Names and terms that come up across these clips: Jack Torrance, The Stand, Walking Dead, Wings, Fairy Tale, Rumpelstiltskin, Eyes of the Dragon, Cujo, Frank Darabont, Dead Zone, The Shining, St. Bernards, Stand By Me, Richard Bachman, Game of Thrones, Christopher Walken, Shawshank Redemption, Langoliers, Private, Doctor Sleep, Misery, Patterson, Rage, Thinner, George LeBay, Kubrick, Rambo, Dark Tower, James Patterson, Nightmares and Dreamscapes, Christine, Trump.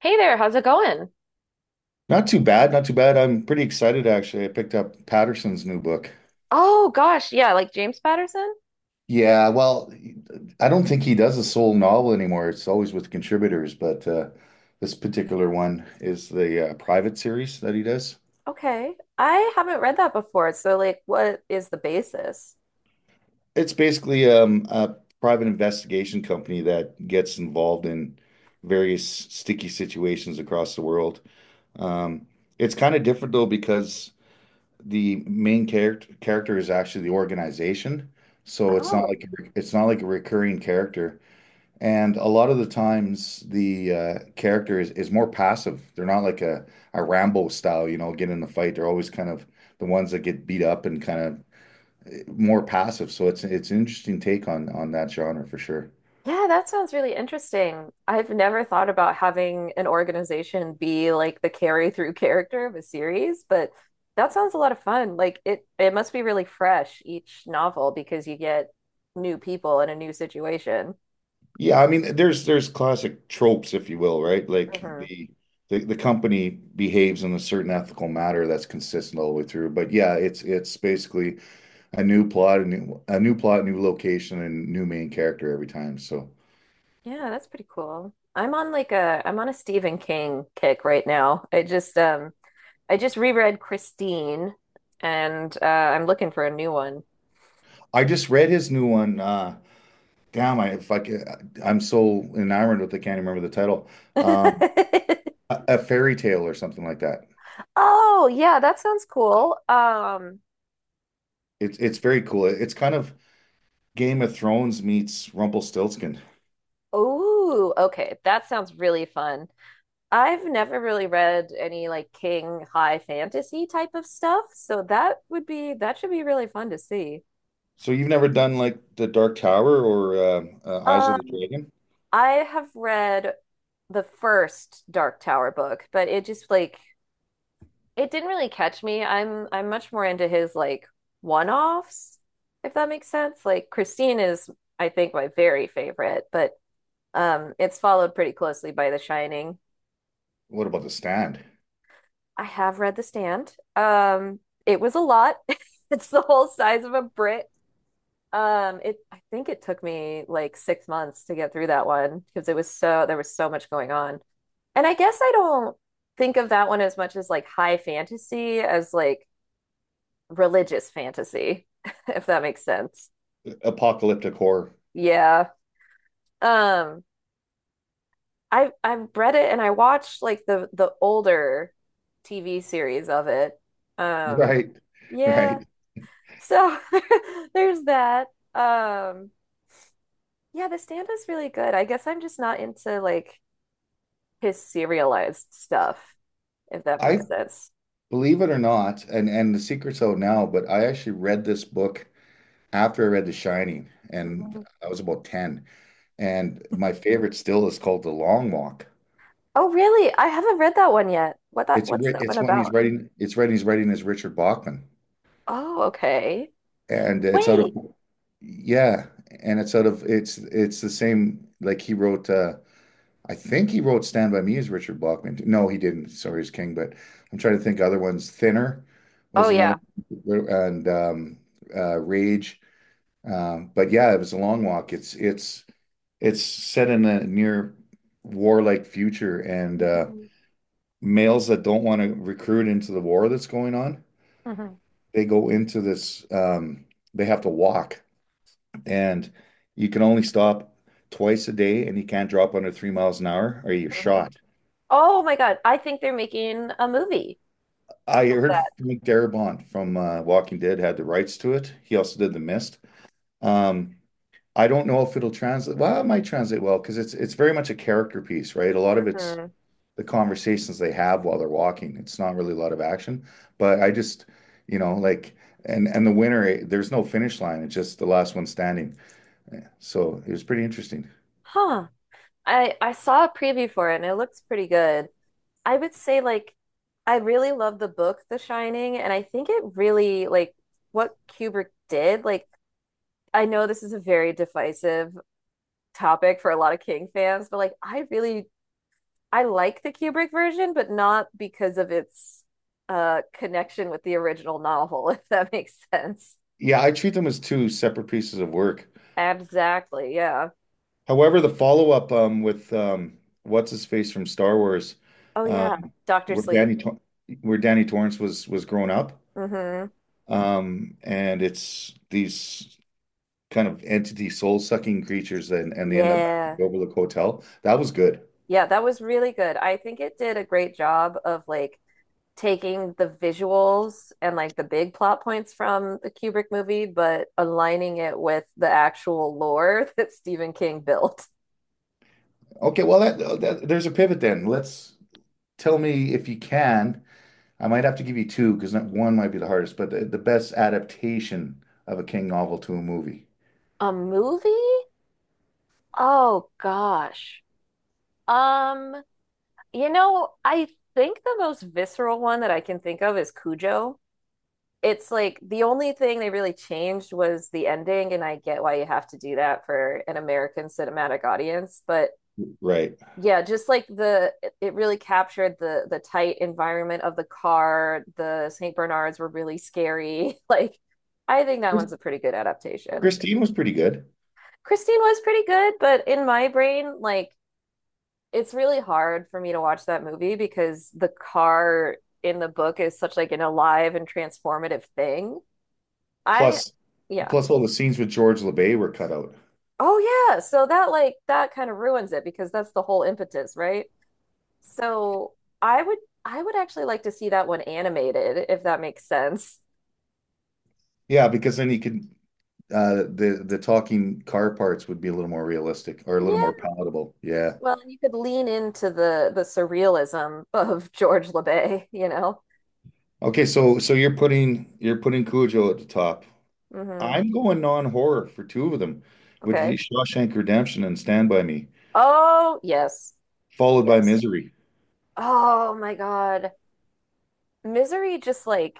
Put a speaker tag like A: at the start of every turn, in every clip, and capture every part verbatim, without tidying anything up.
A: Hey there, how's it going?
B: Not too bad, not too bad. I'm pretty excited actually. I picked up Patterson's new book.
A: Oh gosh, yeah, like James Patterson?
B: Yeah, well, I don't think he does a sole novel anymore. It's always with contributors, but uh, this particular one is the uh, private series that he does.
A: Okay. I haven't read that before. So like what is the basis?
B: It's basically um, a private investigation company that gets involved in various sticky situations across the world. Um, it's kind of different though because the main character character is actually the organization. So it's not
A: Oh.
B: like a, re- it's not like a recurring character. And a lot of the times the uh, character is, is more passive. They're not like a, a Rambo style, you know, get in the fight. They're always kind of the ones that get beat up and kind of eh, more passive. So it's it's an interesting take on on that genre for sure.
A: Yeah, that sounds really interesting. I've never thought about having an organization be like the carry through character of a series, but that sounds a lot of fun. Like it it must be really fresh each novel because you get new people in a new situation.
B: Yeah, I mean, there's there's classic tropes, if you will, right? Like
A: Hmm.
B: the the, the company behaves in a certain ethical matter that's consistent all the way through. But yeah, it's it's basically a new plot, a new a new plot, new location, and new main character every time. So
A: Yeah, that's pretty cool. I'm on like a I'm on a Stephen King kick right now. I just um I just reread Christine and uh, I'm looking for a new one.
B: I just read his new one. Uh, damn, I if I could, I'm so enamored with it, I can't even remember the title. Um, a, a fairy tale or something like that.
A: Oh, yeah, that sounds cool. Um,
B: It's it's very cool. It's kind of Game of Thrones meets Rumpelstiltskin.
A: oh, okay. That sounds really fun. I've never really read any like King high fantasy type of stuff, so that would be that should be really fun to see.
B: So you've never done like the Dark Tower or uh, uh, Eyes of the
A: Um,
B: Dragon?
A: I have read the first Dark Tower book, but it just like it didn't really catch me. I'm I'm much more into his like one-offs, if that makes sense. Like Christine is, I think, my very favorite, but um it's followed pretty closely by The Shining.
B: What about the stand?
A: I have read The Stand. Um it was a lot. It's the whole size of a Brit. Um it I think it took me like six months to get through that one because it was so there was so much going on. And I guess I don't think of that one as much as like high fantasy as like religious fantasy, if that makes sense.
B: Apocalyptic horror.
A: Yeah. Um, I have I've read it and I watched like the the older T V series of it. Um,
B: Right,
A: yeah.
B: right.
A: So there's that. Um, yeah, The Stand is really good. I guess I'm just not into like his serialized stuff, if that
B: I
A: makes sense.
B: Believe it or not, and and the secret's out now, but I actually read this book after I read The Shining, and
A: Mhm.
B: I was about ten. And my favorite still is called The Long Walk.
A: Oh, really? I haven't read that one yet. What that
B: It's a,
A: what's
B: ri-
A: that one
B: it's when he's
A: about?
B: writing it's writing he's writing as Richard Bachman,
A: Oh, okay.
B: and it's out of
A: Wait.
B: yeah, and it's out of it's it's the same like he wrote uh, I think he wrote Stand By Me as Richard Blockman. No, he didn't. Sorry, as King, but I'm trying to think other ones. Thinner
A: Oh
B: was
A: yeah.
B: another, and um, uh, Rage. Um, but yeah, it was a long walk. It's it's it's set in a near warlike future, and uh,
A: Mhm.
B: males that don't want to recruit into the war that's going on,
A: Mhm.
B: they go into this. Um, they have to walk, and you can only stop twice a day, and you can't drop under three miles an hour, or you're
A: Mhm.
B: shot.
A: Oh my God. I think they're making a movie
B: I
A: of
B: heard
A: that.
B: Frank Darabont from uh, Walking Dead had the rights to it. He also did The Mist. Um, I don't know if it'll translate. Well, it might translate well because it's it's very much a character piece, right? A lot of it's
A: Mhm.
B: the conversations they have while they're walking. It's not really a lot of action, but I just, you know, like and and the winner, eh, there's no finish line. It's just the last one standing. So it was pretty interesting.
A: Huh. I I saw a preview for it and it looks pretty good. I would say like I really love the book The Shining and I think it really like what Kubrick did. Like I know this is a very divisive topic for a lot of King fans, but like I really I like the Kubrick version, but not because of its uh connection with the original novel, if that makes sense.
B: Yeah, I treat them as two separate pieces of work.
A: Exactly. Yeah.
B: However, the follow-up um, with um, what's his face from Star Wars,
A: Oh yeah,
B: um,
A: Doctor
B: where
A: Sleep.
B: Danny Tor- where Danny Torrance was was grown up,
A: Hmm.
B: um, and it's these kind of entity soul-sucking creatures, and and they end up back at
A: Yeah.
B: the Overlook Hotel. That was good.
A: Yeah, that was really good. I think it did a great job of like taking the visuals and like the big plot points from the Kubrick movie, but aligning it with the actual lore that Stephen King built.
B: Okay, well that, uh, that there's a pivot then. Let's tell me if you can. I might have to give you two because one might be the hardest, but the, the best adaptation of a King novel to a movie.
A: A movie? Oh gosh. Um, you know, I think the most visceral one that I can think of is Cujo. It's like the only thing they really changed was the ending, and I get why you have to do that for an American cinematic audience, but
B: Right.
A: yeah, just like the it- really captured the the tight environment of the car. The saint Bernards were really scary. Like I think that
B: Chris-
A: one's a pretty good adaptation.
B: Christine was pretty good.
A: Christine was pretty good, but in my brain, like it's really hard for me to watch that movie because the car in the book is such like an alive and transformative thing. I
B: Plus,
A: yeah.
B: plus all the scenes with George LeBay were cut out.
A: Oh yeah, so that like that kind of ruins it because that's the whole impetus, right? So I would I would actually like to see that one animated if that makes sense.
B: Yeah, because then he could uh the the talking car parts would be a little more realistic or a little more
A: Yeah,
B: palatable. Yeah.
A: well, and you could lean into the the surrealism of George LeBay, you know.
B: Okay, so so you're putting you're putting Cujo at the top.
A: Hmm.
B: I'm going non-horror for two of them, which would be
A: Okay.
B: Shawshank Redemption and Stand By Me,
A: Oh, yes.
B: followed by
A: Yes.
B: Misery.
A: Oh my God. Misery just like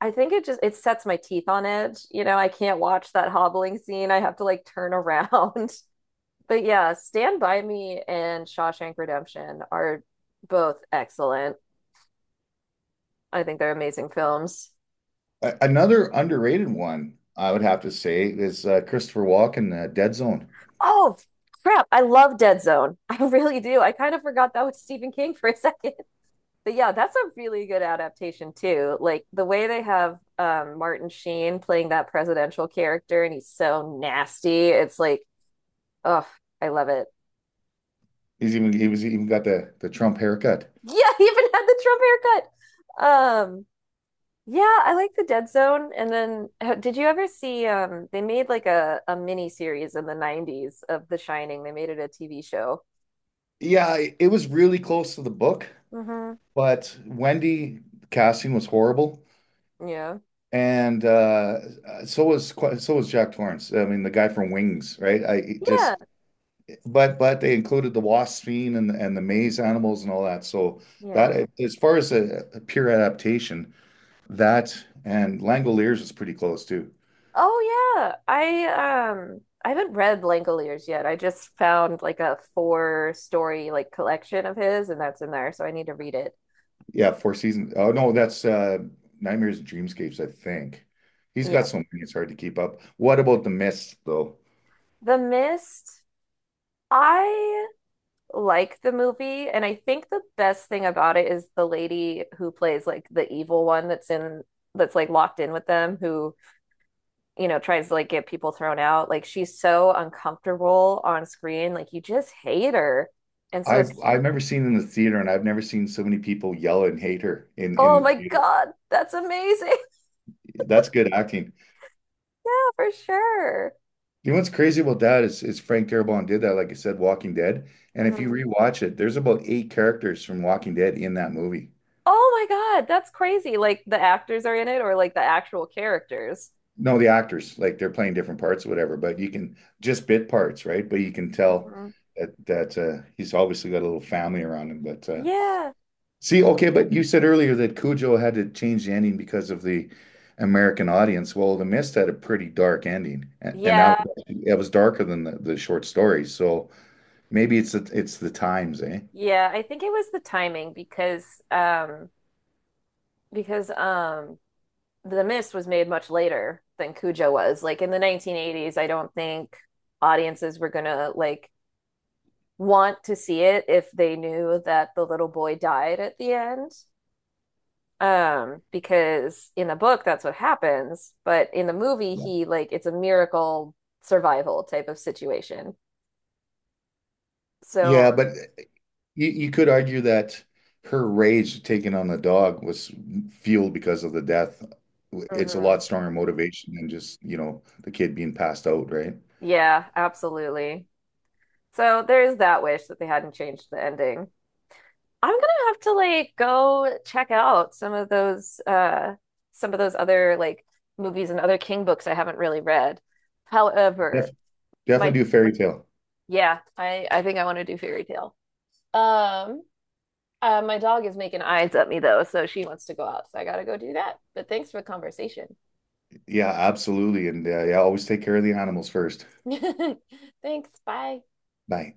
A: I think it just it sets my teeth on edge. You know, I can't watch that hobbling scene. I have to like turn around. But yeah, Stand By Me and Shawshank Redemption are both excellent. I think they're amazing films.
B: A- another underrated one, I would have to say, is uh, Christopher Walken, uh, Dead Zone.
A: Oh, crap. I love Dead Zone. I really do. I kind of forgot that was Stephen King for a second. But yeah, that's a really good adaptation too. Like the way they have um, Martin Sheen playing that presidential character and he's so nasty. It's like, oh, I love it.
B: He's even he was even got the the Trump haircut.
A: Yeah, he even had the Trump haircut. Um, Yeah, I like the Dead Zone. And then h- did you ever see um they made like a a mini series in the nineties of The Shining. They made it a T V show.
B: Yeah, it was really close to the book,
A: Mm-hmm.
B: but Wendy casting was horrible,
A: Yeah.
B: and uh, so was so was Jack Torrance. I mean, the guy from Wings, right? I
A: Yeah.
B: just but but they included the wasp fiend and and the maze animals and all that. So
A: Yeah.
B: that as far as a, a pure adaptation, that and Langoliers is pretty close too.
A: Oh yeah. I um I haven't read Langoliers yet. I just found like a four story like collection of his and that's in there, so I need to read it.
B: Yeah, Four Seasons. Oh no, that's uh, Nightmares and Dreamscapes, I think. He's
A: Yeah.
B: got so many; it's hard to keep up. What about the Mist, though?
A: The Mist. I like the movie, and I think the best thing about it is the lady who plays like the evil one that's in that's like locked in with them who, you know, tries to like get people thrown out. Like she's so uncomfortable on screen, like you just hate her. And so
B: I've
A: it's
B: I've never seen in the theater, and I've never seen so many people yell and hate her in in
A: oh
B: the
A: my
B: theater.
A: God, that's amazing.
B: That's good acting.
A: Yeah, for sure.
B: You know what's crazy about that is is Frank Darabont did that, like I said, Walking Dead. And if you
A: Hmm.
B: rewatch it, there's about eight characters from Walking Dead in that movie.
A: Oh my God, that's crazy. Like the actors are in it or like the actual characters.
B: No, the actors, like they're playing different parts or whatever, but you can just bit parts, right? But you can tell
A: Hmm.
B: that that uh, he's obviously got a little family around him. But uh,
A: Yeah.
B: see, okay, but you said earlier that Cujo had to change the ending because of the American audience. Well, The Mist had a pretty dark ending, a- and that
A: Yeah,
B: was it was darker than the, the short story. So maybe it's the, it's the times, eh?
A: yeah, I think it was the timing because um because um The Mist was made much later than Cujo was. Like in the nineteen eighties, I don't think audiences were gonna like want to see it if they knew that the little boy died at the end. Um because in the book that's what happens, but in the movie
B: Yeah.
A: he like it's a miracle survival type of situation. So,
B: Yeah, but you, you could argue that her rage taken on the dog was fueled because of the death. It's a
A: mhm.
B: lot stronger motivation than just, you know, the kid being passed out, right?
A: Yeah, absolutely. So there is that wish that they hadn't changed the ending. I'm gonna have to like go check out some of those uh some of those other like movies and other King books I haven't really read.
B: Def
A: However, my
B: Definitely do fairy tale.
A: yeah, I I think I want to do Fairy Tale. Um, uh, my dog is making eyes at me though, so she wants to go out, so I gotta go do that. But thanks for the conversation.
B: Yeah, absolutely. And uh, yeah, always take care of the animals first.
A: Thanks, bye.
B: Bye.